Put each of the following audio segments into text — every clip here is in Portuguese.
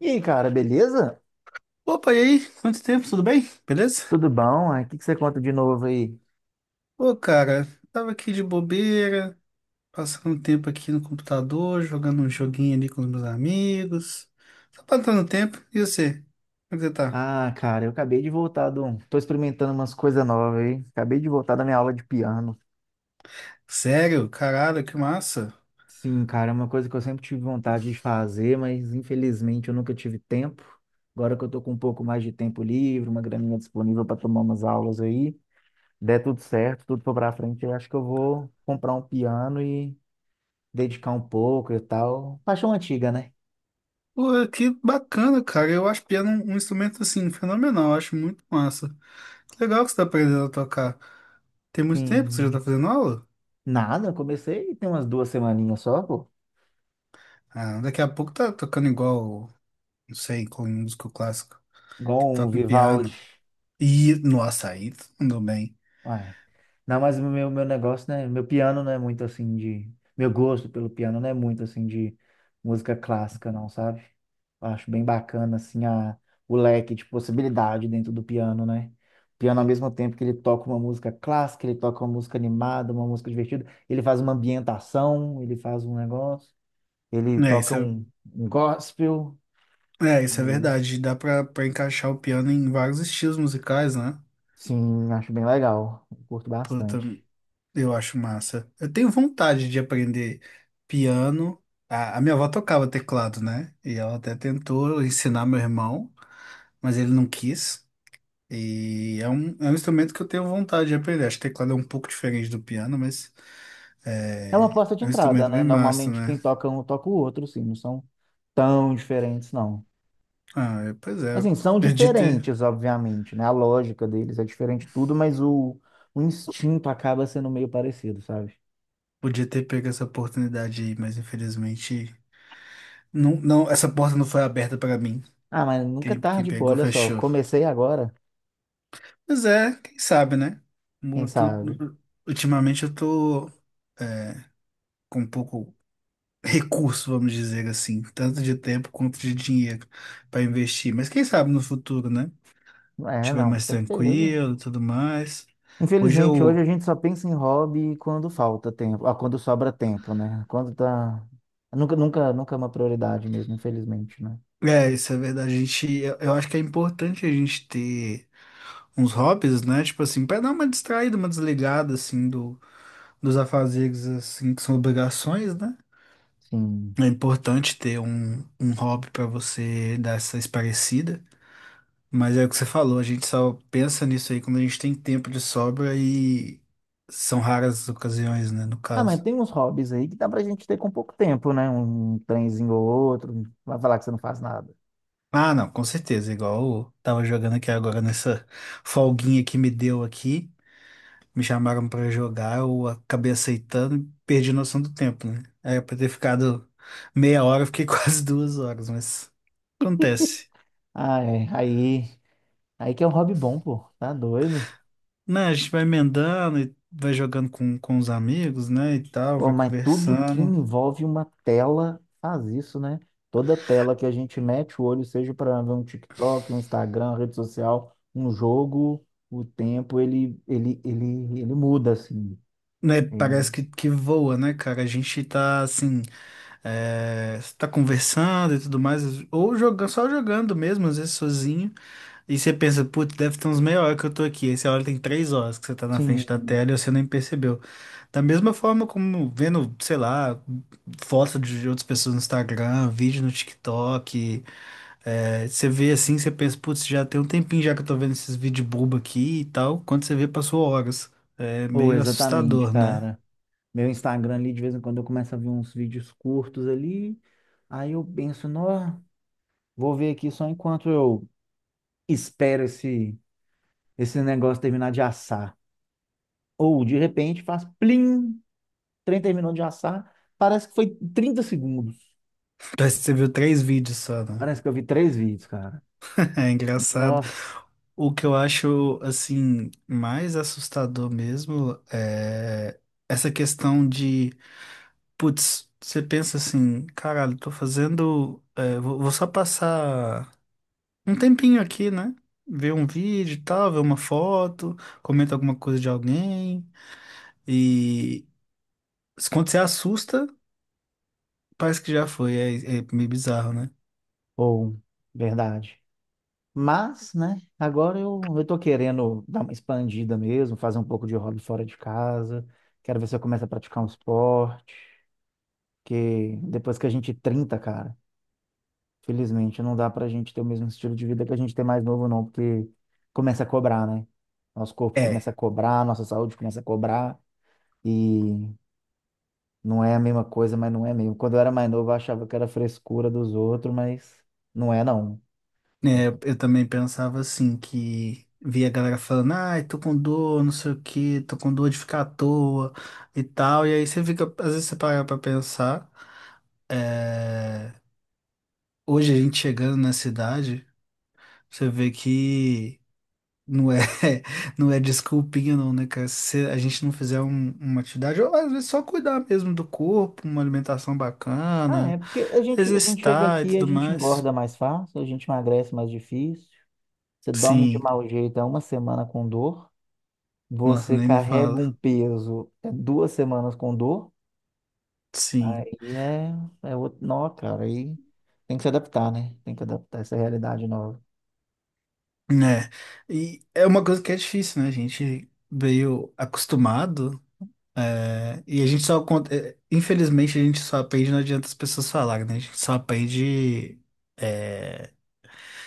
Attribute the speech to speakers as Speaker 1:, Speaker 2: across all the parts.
Speaker 1: E aí, cara, beleza?
Speaker 2: Opa, e aí? Quanto tempo? Tudo bem? Beleza?
Speaker 1: Tudo bom? Aí, o que que você conta de novo aí?
Speaker 2: Ô, cara, tava aqui de bobeira, passando um tempo aqui no computador, jogando um joguinho ali com os meus amigos. Só passando tempo. E você? Como é que você tá?
Speaker 1: Ah, cara, eu acabei de voltar. Tô experimentando umas coisas novas aí. Acabei de voltar da minha aula de piano.
Speaker 2: Sério? Caralho, que massa.
Speaker 1: Sim, cara, é uma coisa que eu sempre tive vontade de fazer, mas infelizmente eu nunca tive tempo. Agora que eu tô com um pouco mais de tempo livre, uma graninha disponível para tomar umas aulas aí, der tudo certo, tudo for pra frente, eu acho que eu vou comprar um piano e dedicar um pouco e tal. Paixão antiga, né?
Speaker 2: Pô, que bacana, cara. Eu acho piano um instrumento, assim, fenomenal. Eu acho muito massa. Que legal que você tá aprendendo a tocar. Tem muito tempo que você já tá
Speaker 1: Sim.
Speaker 2: fazendo aula?
Speaker 1: Nada, eu comecei tem umas 2 semaninhas só, pô.
Speaker 2: Ah, daqui a pouco tá tocando igual, não sei, com músico clássico, que
Speaker 1: Igual um
Speaker 2: toca um
Speaker 1: Vivaldi.
Speaker 2: piano. E no açaí, mandou bem.
Speaker 1: Ai. Não, mas o meu negócio, né? Meu piano não é muito assim de. Meu gosto pelo piano não é muito assim de música clássica, não, sabe? Eu acho bem bacana, assim, o leque de possibilidade dentro do piano, né? O piano, ao mesmo tempo que ele toca uma música clássica, ele toca uma música animada, uma música divertida, ele faz uma ambientação, ele faz um negócio, ele
Speaker 2: É,
Speaker 1: toca
Speaker 2: isso
Speaker 1: um gospel.
Speaker 2: é, é,
Speaker 1: Aí,
Speaker 2: isso é verdade. Dá pra encaixar o piano em vários estilos musicais, né?
Speaker 1: sim, acho bem legal. Curto
Speaker 2: Puta,
Speaker 1: bastante.
Speaker 2: eu acho massa. Eu tenho vontade de aprender piano. A minha avó tocava teclado, né? E ela até tentou ensinar meu irmão, mas ele não quis. E é um instrumento que eu tenho vontade de aprender. Acho que teclado é um pouco diferente do piano, mas
Speaker 1: É uma
Speaker 2: é,
Speaker 1: porta de
Speaker 2: é um
Speaker 1: entrada,
Speaker 2: instrumento
Speaker 1: né?
Speaker 2: bem massa,
Speaker 1: Normalmente quem
Speaker 2: né?
Speaker 1: toca um toca o outro, sim, não são tão diferentes, não.
Speaker 2: Ah, pois é.
Speaker 1: Assim, são
Speaker 2: Perdi ter.
Speaker 1: diferentes, obviamente, né? A lógica deles é diferente de tudo, mas o instinto acaba sendo meio parecido, sabe?
Speaker 2: Podia ter pego essa oportunidade aí, mas infelizmente. Não, não, essa porta não foi aberta para mim.
Speaker 1: Ah, mas nunca é
Speaker 2: Quem
Speaker 1: tarde, pô,
Speaker 2: pegou,
Speaker 1: olha só,
Speaker 2: fechou.
Speaker 1: comecei agora,
Speaker 2: Mas é, quem sabe, né?
Speaker 1: quem
Speaker 2: Mu- tu-
Speaker 1: sabe?
Speaker 2: Ultimamente eu tô é, com pouco recurso, vamos dizer assim, tanto de tempo quanto de dinheiro para investir. Mas quem sabe no futuro, né?
Speaker 1: É,
Speaker 2: Estiver
Speaker 1: não, com
Speaker 2: mais
Speaker 1: certeza.
Speaker 2: tranquilo e tudo mais. Hoje
Speaker 1: Infelizmente, hoje
Speaker 2: eu.
Speaker 1: a gente só pensa em hobby quando falta tempo, ah, quando sobra tempo, né? Quando tá... Nunca, nunca, nunca é uma prioridade mesmo, infelizmente, né?
Speaker 2: É, isso é verdade. Eu acho que é importante a gente ter. Uns hobbies, né? Tipo assim, pra dar uma distraída, uma desligada, assim, dos afazeres, assim, que são obrigações, né?
Speaker 1: Sim.
Speaker 2: É importante ter um hobby pra você dar essa esparecida. Mas é o que você falou, a gente só pensa nisso aí quando a gente tem tempo de sobra e são raras as ocasiões, né? No
Speaker 1: Ah, mas
Speaker 2: caso.
Speaker 1: tem uns hobbies aí que dá pra gente ter com pouco tempo, né? Um trenzinho ou outro, vai falar que você não faz nada.
Speaker 2: Ah, não, com certeza. Igual eu tava jogando aqui agora nessa folguinha que me deu aqui. Me chamaram pra jogar, eu acabei aceitando e perdi a noção do tempo, né? Era pra ter ficado meia hora, eu fiquei quase duas horas, mas acontece.
Speaker 1: Ah, é, aí, aí que é um hobby bom, pô, tá doido?
Speaker 2: Né, a gente vai emendando e vai jogando com os amigos, né, e tal,
Speaker 1: Pô,
Speaker 2: vai
Speaker 1: mas tudo que
Speaker 2: conversando.
Speaker 1: envolve uma tela faz isso, né? Toda tela que a gente mete o olho, seja para ver um TikTok, um Instagram, rede social, um jogo, o tempo, ele muda, assim.
Speaker 2: Né,
Speaker 1: É.
Speaker 2: parece que voa, né, cara? A gente tá assim, tá conversando e tudo mais, ou jogando, só jogando mesmo, às vezes sozinho. E você pensa, putz, deve ter uns meia hora que eu tô aqui. Aí você olha, tem três horas que você tá na frente
Speaker 1: Sim,
Speaker 2: da tela e você nem percebeu. Da mesma forma como vendo, sei lá, foto de outras pessoas no Instagram, vídeo no TikTok. Você vê assim, você pensa, putz, já tem um tempinho já que eu tô vendo esses vídeos bobo aqui e tal. Quando você vê, passou horas. É
Speaker 1: pô,
Speaker 2: meio
Speaker 1: exatamente,
Speaker 2: assustador, né?
Speaker 1: cara. Meu Instagram ali, de vez em quando eu começo a ver uns vídeos curtos ali. Aí eu penso, nó, vou ver aqui só enquanto eu espero esse negócio terminar de assar. Ou de repente faz plim, o trem terminou de assar. Parece que foi 30 segundos.
Speaker 2: Parece que você viu três vídeos só, né?
Speaker 1: Parece que eu vi três vídeos, cara.
Speaker 2: É engraçado.
Speaker 1: Nó,
Speaker 2: O que eu acho, assim, mais assustador mesmo é essa questão de, putz, você pensa assim, caralho, tô fazendo, vou só passar um tempinho aqui, né? Ver um vídeo e tal, ver uma foto, comenta alguma coisa de alguém e quando você assusta, parece que já foi, é meio bizarro, né?
Speaker 1: ou, verdade. Mas, né, agora eu tô querendo dar uma expandida mesmo, fazer um pouco de hobby fora de casa. Quero ver se eu começo a praticar um esporte. Porque depois que a gente 30, cara, felizmente não dá pra gente ter o mesmo estilo de vida que a gente tem mais novo, não, porque começa a cobrar, né? Nosso corpo
Speaker 2: é
Speaker 1: começa a cobrar, nossa saúde começa a cobrar, e não é a mesma coisa, mas não é mesmo. Quando eu era mais novo, eu achava que era frescura dos outros, mas não é, não.
Speaker 2: É, eu também pensava assim, que via a galera falando, ai, tô com dor, não sei o quê, tô com dor de ficar à toa e tal. E aí você fica, às vezes você para pra pensar, é, hoje a gente chegando na cidade, você vê que não é, não é desculpinha não, né, cara? Se a gente não fizer uma atividade, ou às vezes só cuidar mesmo do corpo, uma alimentação
Speaker 1: Ah, é,
Speaker 2: bacana,
Speaker 1: porque a gente chega
Speaker 2: exercitar e
Speaker 1: aqui, a
Speaker 2: tudo
Speaker 1: gente
Speaker 2: mais.
Speaker 1: engorda mais fácil, a gente emagrece mais difícil, você dorme de
Speaker 2: Sim,
Speaker 1: mau jeito, é uma semana com dor,
Speaker 2: nossa,
Speaker 1: você
Speaker 2: nem me
Speaker 1: carrega
Speaker 2: fala.
Speaker 1: um peso, é 2 semanas com dor.
Speaker 2: Sim.
Speaker 1: Aí é, é outro nó, cara. Aí tem que se adaptar, né? Tem que adaptar essa realidade nova.
Speaker 2: Né? E é uma coisa que é difícil, né? A gente veio acostumado, e a gente só, infelizmente, a gente só aprende, não adianta as pessoas falarem, né? A gente só aprende, é,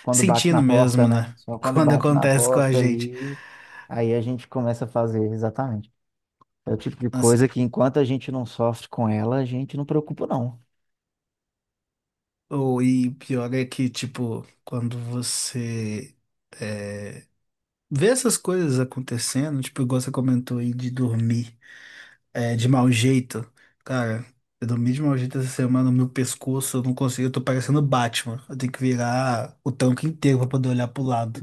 Speaker 1: Quando bate na
Speaker 2: sentindo
Speaker 1: porta,
Speaker 2: mesmo,
Speaker 1: né?
Speaker 2: né?
Speaker 1: Só quando
Speaker 2: Quando
Speaker 1: bate na
Speaker 2: acontece com a
Speaker 1: porta
Speaker 2: gente.
Speaker 1: ali, aí a gente começa a fazer, exatamente. É o tipo de
Speaker 2: Nossa,
Speaker 1: coisa que enquanto a gente não sofre com ela, a gente não preocupa, não.
Speaker 2: ou, e pior é que, tipo, quando você, é, vê essas coisas acontecendo, tipo, igual você comentou aí de dormir. De mau jeito. Cara, eu dormi de mau jeito essa semana, meu pescoço, eu não consigo, eu tô parecendo Batman. Eu tenho que virar o tanque inteiro pra poder olhar pro lado.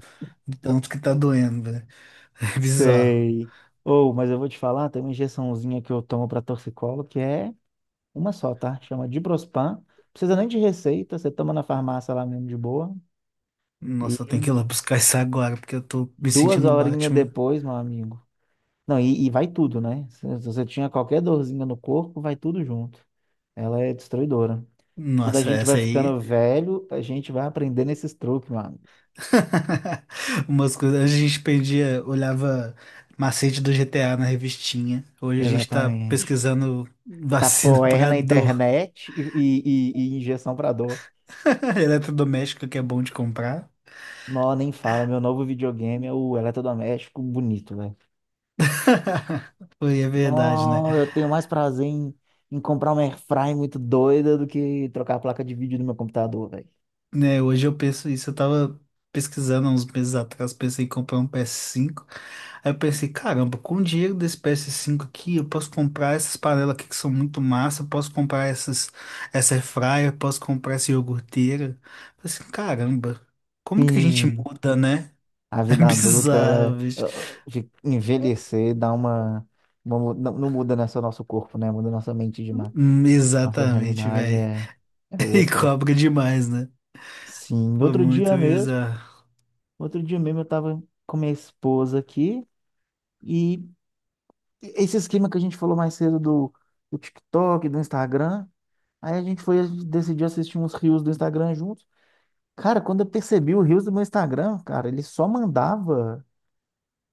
Speaker 2: De tanto que tá doendo, velho. É bizarro.
Speaker 1: Sei. Ou, mas eu vou te falar, tem uma injeçãozinha que eu tomo para torcicolo, que é uma só, tá? Chama Diprospan. Precisa nem de receita, você toma na farmácia lá mesmo de boa.
Speaker 2: Nossa, eu tenho que
Speaker 1: E
Speaker 2: ir lá buscar isso agora, porque eu tô me
Speaker 1: duas
Speaker 2: sentindo
Speaker 1: horinhas
Speaker 2: Batman.
Speaker 1: depois, meu amigo. Não, e vai tudo, né? Se você tinha qualquer dorzinha no corpo, vai tudo junto. Ela é destruidora. Quando a
Speaker 2: Nossa,
Speaker 1: gente vai
Speaker 2: essa aí.
Speaker 1: ficando velho, a gente vai aprendendo esses truques, mano.
Speaker 2: Umas coisas. Antes a gente perdia, olhava macete do GTA na revistinha. Hoje a gente tá
Speaker 1: Exatamente.
Speaker 2: pesquisando vacina
Speaker 1: Tapoer
Speaker 2: pra
Speaker 1: na
Speaker 2: dor
Speaker 1: internet e injeção pra dor.
Speaker 2: eletrodoméstico que é bom de comprar.
Speaker 1: Nó, nem fala. Meu novo videogame é o eletrodoméstico bonito, velho.
Speaker 2: Foi, é verdade, né?
Speaker 1: Nó, eu tenho mais prazer em comprar uma airfryer muito doida do que trocar a placa de vídeo do meu computador, velho.
Speaker 2: Né, hoje eu penso isso, eu tava pesquisando há uns meses atrás, pensei em comprar um PS5, aí eu pensei, caramba, com o dinheiro desse PS5 aqui, eu posso comprar essas panelas aqui que são muito massa, eu posso comprar essas, essa air fryer, eu posso comprar essa iogurteira. Eu pensei, caramba, como que a gente
Speaker 1: Sim.
Speaker 2: muda, né?
Speaker 1: A
Speaker 2: É
Speaker 1: vida adulta,
Speaker 2: bizarro, bicho.
Speaker 1: de envelhecer dá uma não, não muda né, só nosso corpo, né? Muda nossa mente demais. Nossa
Speaker 2: Exatamente,
Speaker 1: realidade
Speaker 2: velho.
Speaker 1: é
Speaker 2: E
Speaker 1: outra.
Speaker 2: cobra demais, né?
Speaker 1: Sim,
Speaker 2: Foi
Speaker 1: outro dia
Speaker 2: muito
Speaker 1: mesmo,
Speaker 2: bizarro.
Speaker 1: outro dia mesmo eu tava com minha esposa aqui e esse esquema que a gente falou mais cedo do TikTok, do Instagram, aí a gente foi decidir assistir uns reels do Instagram juntos. Cara, quando eu percebi o reels do meu Instagram, cara, ele só mandava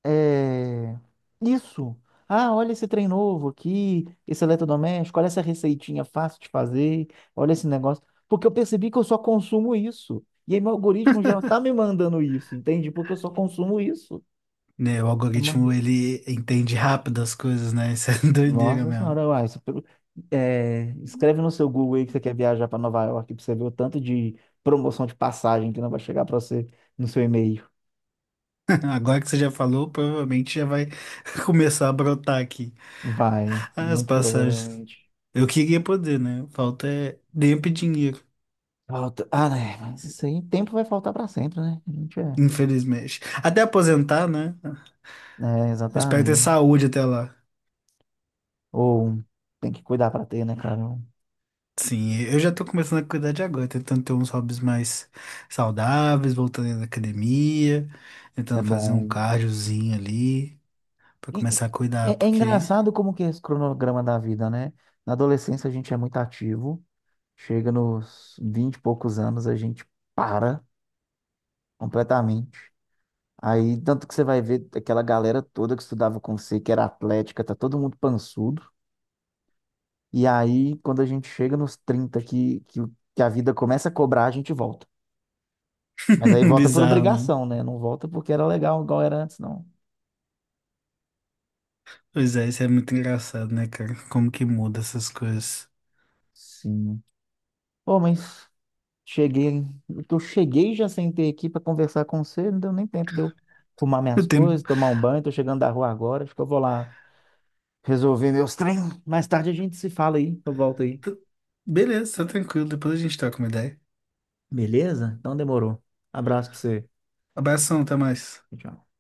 Speaker 1: é, isso. Ah, olha esse trem novo aqui, esse eletrodoméstico, olha essa receitinha fácil de fazer, olha esse negócio. Porque eu percebi que eu só consumo isso. E aí meu algoritmo já tá me mandando isso, entende? Porque eu só consumo isso.
Speaker 2: Né, o
Speaker 1: É, mano.
Speaker 2: algoritmo ele entende rápido as coisas, né? Isso é doideira
Speaker 1: Nossa
Speaker 2: mesmo.
Speaker 1: senhora, uai, isso, escreve no seu Google aí que você quer viajar para Nova York, pra você ver o tanto de promoção de passagem que não vai chegar para você no seu e-mail.
Speaker 2: Agora que você já falou, provavelmente já vai começar a brotar aqui
Speaker 1: Vai,
Speaker 2: as
Speaker 1: muito
Speaker 2: passagens.
Speaker 1: provavelmente.
Speaker 2: Eu queria poder, né? Falta é tempo e dinheiro,
Speaker 1: Falta... Ah, né? Mas isso aí, tempo vai faltar pra sempre, né? A gente é.
Speaker 2: infelizmente. Até aposentar, né?
Speaker 1: É,
Speaker 2: Eu espero ter
Speaker 1: exatamente.
Speaker 2: saúde até lá.
Speaker 1: Ou tem que cuidar pra ter, né, cara?
Speaker 2: Sim, eu já tô começando a cuidar de agora, tentando ter uns hobbies mais saudáveis, voltando na academia,
Speaker 1: Isso é
Speaker 2: tentando fazer um
Speaker 1: bom.
Speaker 2: cardiozinho ali, pra
Speaker 1: E, e-
Speaker 2: começar a cuidar,
Speaker 1: é
Speaker 2: porque
Speaker 1: engraçado como que é esse cronograma da vida, né? Na adolescência a gente é muito ativo. Chega nos 20 e poucos anos, a gente para completamente. Aí, tanto que você vai ver aquela galera toda que estudava com você, que era atlética, tá todo mundo pançudo. E aí, quando a gente chega nos 30 que a vida começa a cobrar, a gente volta. Mas aí volta por
Speaker 2: bizarro, né.
Speaker 1: obrigação, né? Não volta porque era legal igual era antes, não.
Speaker 2: Pois é, isso é muito engraçado, né, cara? Como que muda essas coisas.
Speaker 1: Sim. Pô, mas cheguei. Eu cheguei já sentei aqui pra conversar com você, não deu nem tempo de eu arrumar
Speaker 2: O
Speaker 1: minhas
Speaker 2: tempo.
Speaker 1: coisas, tomar um banho. Tô chegando da rua agora, acho que eu vou lá resolver meus trem. Mais tarde a gente se fala aí, eu volto aí.
Speaker 2: Beleza, tá tranquilo. Depois a gente troca uma ideia.
Speaker 1: Beleza? Então demorou. Abraço pra você.
Speaker 2: Abração, até mais.
Speaker 1: Tchau.